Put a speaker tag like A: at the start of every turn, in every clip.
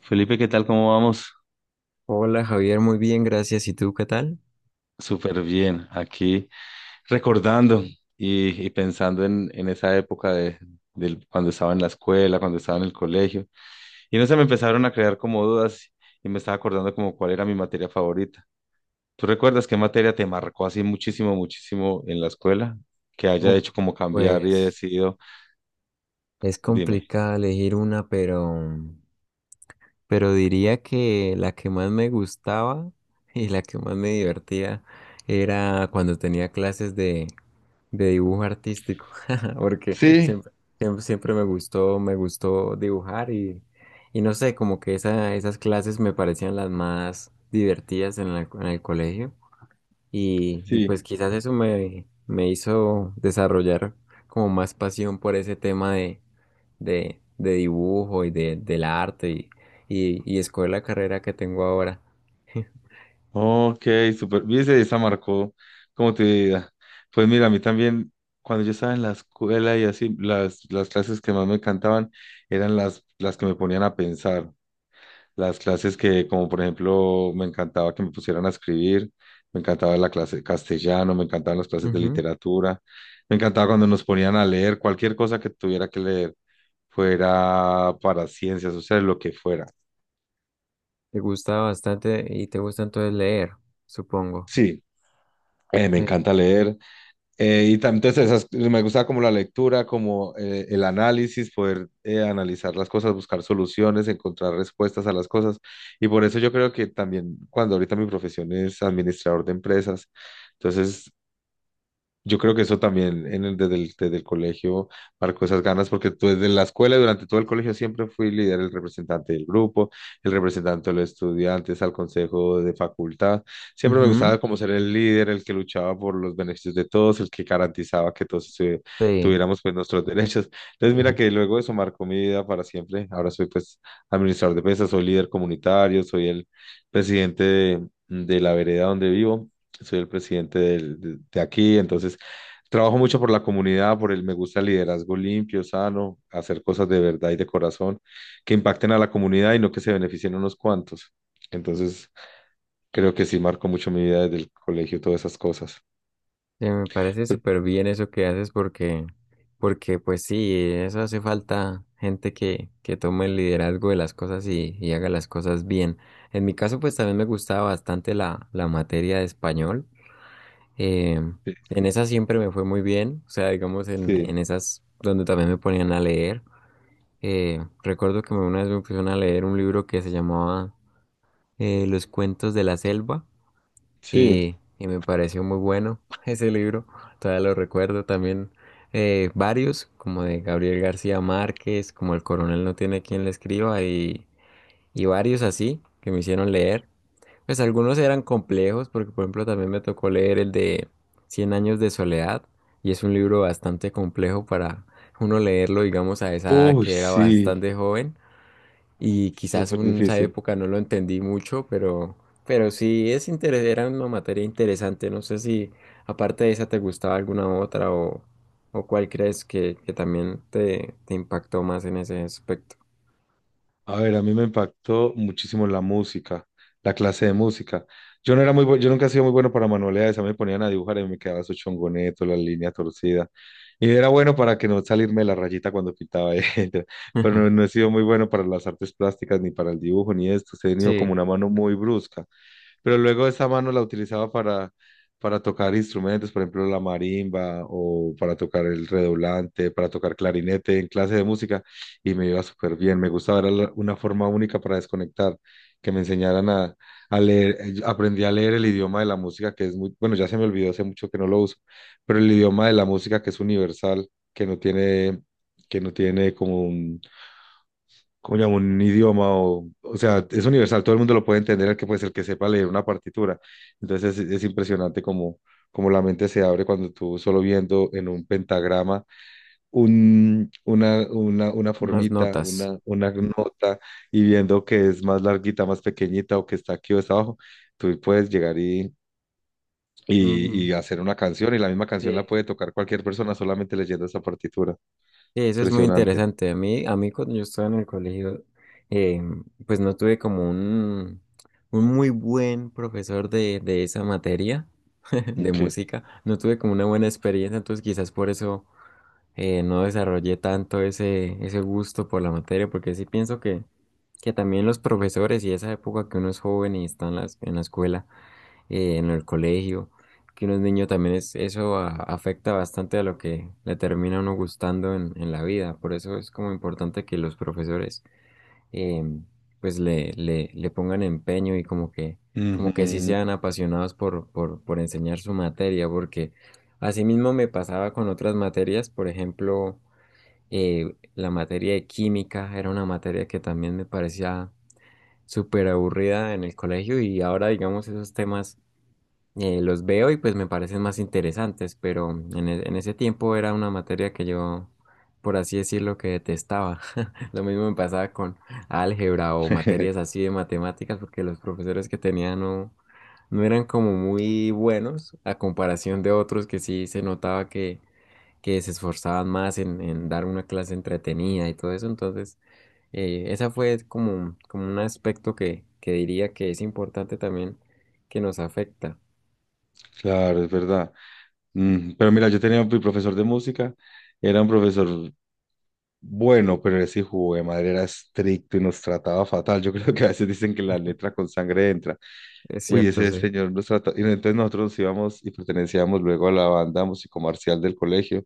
A: Felipe, ¿qué tal? ¿Cómo vamos?
B: Hola Javier, muy bien, gracias. ¿Y tú qué tal?
A: Súper bien. Aquí recordando y pensando en esa época de cuando estaba en la escuela, cuando estaba en el colegio. Y no se me empezaron a crear como dudas y me estaba acordando como cuál era mi materia favorita. ¿Tú recuerdas qué materia te marcó así muchísimo, muchísimo en la escuela? Que haya
B: Uf,
A: hecho como cambiar y he
B: Pues
A: decidido,
B: es
A: dime.
B: complicado elegir una, pero diría que la que más me gustaba y la que más me divertía era cuando tenía de dibujo artístico, porque
A: Sí,
B: siempre me gustó dibujar y, no sé, como que esas clases me parecían las más divertidas en en el colegio.
A: sí.
B: Pues quizás eso me hizo desarrollar como más pasión por ese tema de dibujo del arte y escoger la carrera que tengo ahora.
A: Ok, super. Viste, esa marcó como tu vida. Pues mira, a mí también, cuando yo estaba en la escuela y así, las clases que más me encantaban eran las que me ponían a pensar. Las clases que, como por ejemplo, me encantaba que me pusieran a escribir, me encantaba la clase de castellano, me encantaban las clases de
B: Ujú.
A: literatura, me encantaba cuando nos ponían a leer cualquier cosa que tuviera que leer, fuera para ciencias sociales, lo que fuera.
B: Te gusta bastante y te gusta entonces leer, supongo.
A: Sí, me
B: Eh,
A: encanta leer. Entonces esas, me gusta como la lectura, como el análisis, poder analizar las cosas, buscar soluciones, encontrar respuestas a las cosas. Y por eso yo creo que también cuando ahorita mi profesión es administrador de empresas, entonces yo creo que eso también en desde el colegio marcó esas ganas, porque tú desde la escuela, durante todo el colegio, siempre fui líder, el representante del grupo, el representante de los estudiantes al consejo de facultad. Siempre me gustaba
B: ujú,
A: como ser el líder, el que luchaba por los beneficios de todos, el que garantizaba que todos
B: sí.
A: tuviéramos pues nuestros derechos. Entonces mira que luego eso marcó mi vida para siempre. Ahora soy pues administrador de pesas, soy líder comunitario, soy el presidente de la vereda donde vivo, soy el presidente de aquí, entonces trabajo mucho por la comunidad, por el me gusta el liderazgo limpio, sano, hacer cosas de verdad y de corazón que impacten a la comunidad y no que se beneficien unos cuantos. Entonces, creo que sí marcó mucho mi vida desde el colegio, todas esas cosas.
B: Me parece súper bien eso que haces porque pues sí, eso hace falta gente que tome el liderazgo de las cosas y haga las cosas bien. En mi caso pues también me gustaba bastante la materia de español. Eh,
A: Sí,
B: en esa siempre me fue muy bien, o sea, digamos en
A: sí.
B: esas donde también me ponían a leer. Recuerdo que una vez me pusieron a leer un libro que se llamaba Los cuentos de la selva
A: Sí.
B: y me pareció muy bueno ese libro, todavía lo recuerdo también varios, como de Gabriel García Márquez, como El Coronel no tiene quien le escriba y varios así que me hicieron leer. Pues algunos eran complejos porque por ejemplo también me tocó leer el de Cien años de soledad y es un libro bastante complejo para uno leerlo digamos a esa edad
A: Uy,
B: que era
A: sí,
B: bastante joven y quizás
A: súper
B: en esa
A: difícil.
B: época no lo entendí mucho, pero sí es interes era una materia interesante. No sé si aparte de esa te gustaba alguna otra o cuál crees que también te impactó más en ese aspecto.
A: A ver, a mí me impactó muchísimo la música, la clase de música. Yo no era muy bueno, yo nunca he sido muy bueno para manualidades, a mí me ponían a dibujar y me quedaba su chongoneto, la línea torcida. Y era bueno para que no salirme de la rayita cuando pintaba, etcétera. Pero no, no he sido muy bueno para las artes plásticas, ni para el dibujo, ni esto. He tenido como
B: Sí.
A: una mano muy brusca, pero luego esa mano la utilizaba para tocar instrumentos, por ejemplo, la marimba o para tocar el redoblante, para tocar clarinete en clase de música y me iba súper bien. Me gustaba, era una forma única para desconectar, que me enseñaran a leer. Yo aprendí a leer el idioma de la música, que es muy, bueno, ya se me olvidó, hace mucho que no lo uso, pero el idioma de la música que es universal, que no tiene, que no tiene como un ¿cómo llamo? Un idioma o sea, es universal, todo el mundo lo puede entender, el que puede ser que sepa leer una partitura. Entonces es impresionante como, como la mente se abre cuando tú solo viendo en un pentagrama una
B: Las
A: formita,
B: notas.
A: una nota y viendo que es más larguita, más pequeñita o que está aquí o está abajo, tú puedes llegar y...
B: Mm.
A: y hacer una canción, y la misma canción la puede tocar cualquier persona solamente leyendo esa partitura.
B: Sí, eso es muy
A: Impresionante.
B: interesante. A mí cuando yo estaba en el colegio, eh, pues no tuve como un muy buen profesor de esa materia, de
A: Ok.
B: música. No tuve como una buena experiencia, entonces quizás por eso no desarrollé tanto ese gusto por la materia, porque sí pienso que también los profesores y esa época que uno es joven y está en en la escuela, en el colegio, que uno es niño también es, afecta bastante a lo que le termina a uno gustando en la vida. Por eso es como importante que los profesores eh, pues le pongan empeño y como como que sí
A: Ujú.
B: sean apasionados por enseñar su materia, porque asimismo me pasaba con otras materias, por ejemplo, la materia de química era una materia que también me parecía súper aburrida en el colegio y ahora digamos esos temas los veo y pues me parecen más interesantes, pero en ese tiempo era una materia que yo, por así decirlo, que detestaba. Lo mismo me pasaba con álgebra o materias así de matemáticas, porque los profesores que tenía no eran como muy buenos a comparación de otros que sí se notaba que se esforzaban más en dar una clase entretenida y todo eso. Entonces, esa fue como un aspecto que diría que es importante también que nos afecta.
A: Claro, es verdad. Mm, pero mira, yo tenía mi profesor de música, era un profesor bueno, pero ese hijo de madre era estricto y nos trataba fatal. Yo creo que a veces dicen que la letra con sangre entra.
B: Es
A: Uy,
B: cierto,
A: ese
B: sí.
A: señor nos trató. Y entonces nosotros nos íbamos y pertenecíamos luego a la banda musicomarcial del colegio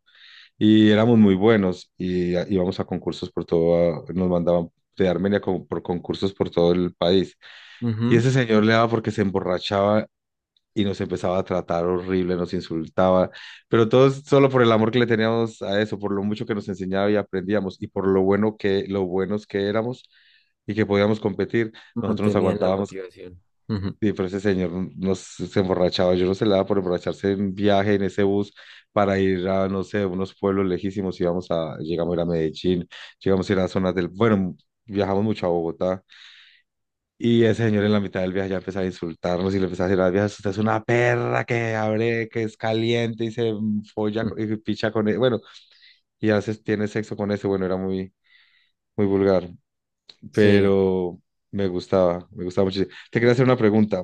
A: y éramos muy buenos y íbamos a concursos por todo, nos mandaban de Armenia como por concursos por todo el país. Y
B: Ujú.
A: ese señor le daba porque se emborrachaba y nos empezaba a tratar horrible, nos insultaba, pero todos solo por el amor que le teníamos a eso, por lo mucho que nos enseñaba y aprendíamos y por lo bueno que, lo buenos que éramos y que podíamos competir, nosotros nos
B: Mantenía la
A: aguantábamos.
B: motivación. Ujú.
A: Y pero ese señor nos se emborrachaba, yo no se le daba por emborracharse en viaje en ese bus para ir a, no sé, unos pueblos lejísimos, íbamos a, llegamos a ir a Medellín, llegamos a ir a zonas del, bueno, viajamos mucho a Bogotá, y ese señor en la mitad del viaje ya empezaba a insultarnos y le empezaba a decir a las viejas, usted es una perra que abre, que es caliente y se
B: Mm.
A: y picha con él. Bueno, y hace, tiene sexo con ese. Bueno, era muy, muy vulgar,
B: Sí.
A: pero me gustaba muchísimo. Te quería hacer una pregunta.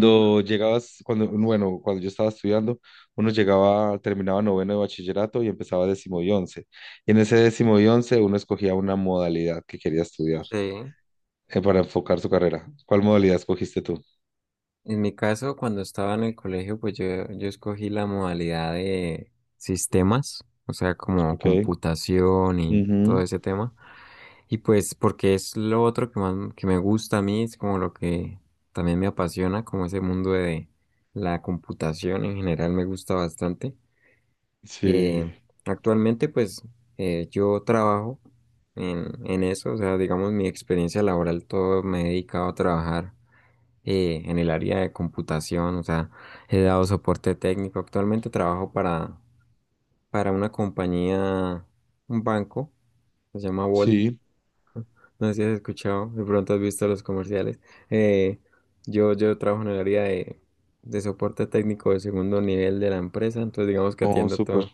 B: Ujú.
A: llegabas, cuando, bueno, cuando yo estaba estudiando, uno llegaba, terminaba noveno de bachillerato y empezaba décimo y once. Y en ese décimo y once uno escogía una modalidad que quería estudiar
B: Sí.
A: para enfocar su carrera. ¿Cuál modalidad escogiste tú?
B: En mi caso, cuando estaba en el colegio, yo escogí la modalidad de sistemas, o sea, como
A: Ok.
B: computación y todo
A: Ujú,
B: ese tema. Y pues porque es lo otro que más que me gusta a mí, es como lo que también me apasiona, como ese mundo de la computación en general me gusta bastante.
A: sí,
B: Eh, actualmente, yo trabajo en eso, o sea, digamos, mi experiencia laboral, todo me he dedicado a trabajar en el área de computación, o sea, he dado soporte técnico. Actualmente trabajo para una compañía, un banco, se llama Volt.
A: sí,
B: No sé si has escuchado, de pronto has visto los comerciales. Eh, yo trabajo en el área de soporte técnico de segundo nivel de la empresa, entonces digamos que
A: oh,
B: atiendo
A: súper,
B: todo.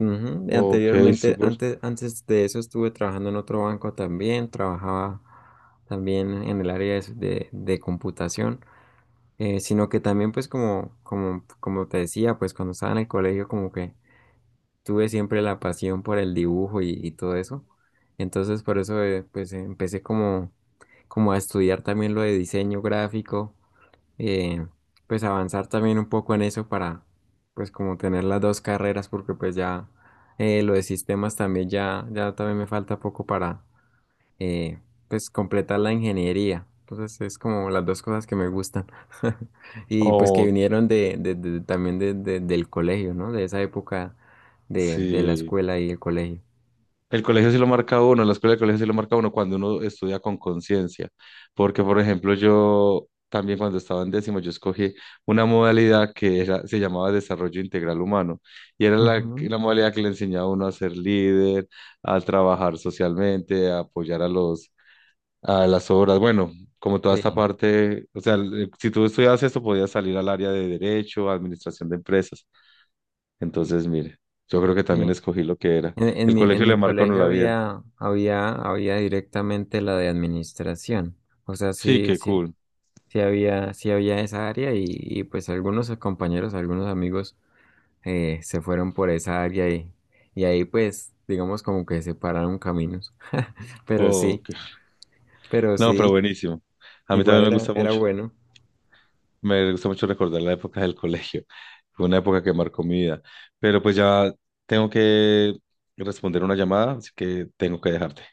B: Ujú, y
A: ok,
B: anteriormente,
A: súper,
B: antes de eso estuve trabajando en otro banco también, trabajaba también en el área de computación, sino que también pues como te decía, pues cuando estaba en el colegio como que tuve siempre la pasión por el dibujo y todo eso, entonces por eso pues empecé como a estudiar también lo de diseño gráfico, eh, pues avanzar también un poco en eso para pues como tener las dos carreras porque pues ya lo de sistemas también ya también me falta poco para eh, pues completar la ingeniería. Entonces es como las dos cosas que me gustan y pues que
A: oh,
B: vinieron también del colegio, ¿no? De esa época de la
A: sí.
B: escuela y el colegio.
A: El colegio sí lo marca a uno, la escuela del colegio sí lo marca a uno cuando uno estudia con conciencia, porque por ejemplo yo también cuando estaba en décimo yo escogí una modalidad se llamaba desarrollo integral humano y era
B: Ujú.
A: la modalidad que le enseñaba a uno a ser líder, a trabajar socialmente, a apoyar a los a las obras. Bueno, como toda
B: Sí,
A: esta parte, o sea, si tú estudias esto, podías salir al área de derecho, administración de empresas. Entonces, mire, yo creo que también
B: sí.
A: escogí lo que era.
B: En
A: El
B: mi,
A: colegio le marca a uno
B: colegio
A: la vida.
B: había directamente la de administración. O sea,
A: Sí,
B: sí,
A: qué
B: sí,
A: cool.
B: sí había esa área y pues algunos compañeros, algunos amigos se fueron por esa área y ahí pues digamos como que separaron caminos. Pero
A: Oh, qué... No, pero
B: sí,
A: buenísimo. A mí
B: igual
A: también me
B: era,
A: gusta
B: era
A: mucho.
B: bueno.
A: Me gusta mucho recordar la época del colegio. Fue una época que marcó mi vida. Pero pues ya tengo que responder una llamada, así que tengo que dejarte.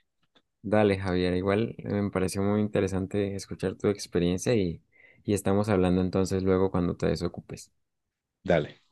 B: Dale, Javier, igual me pareció muy interesante escuchar tu experiencia y estamos hablando entonces luego cuando te desocupes.
A: Dale.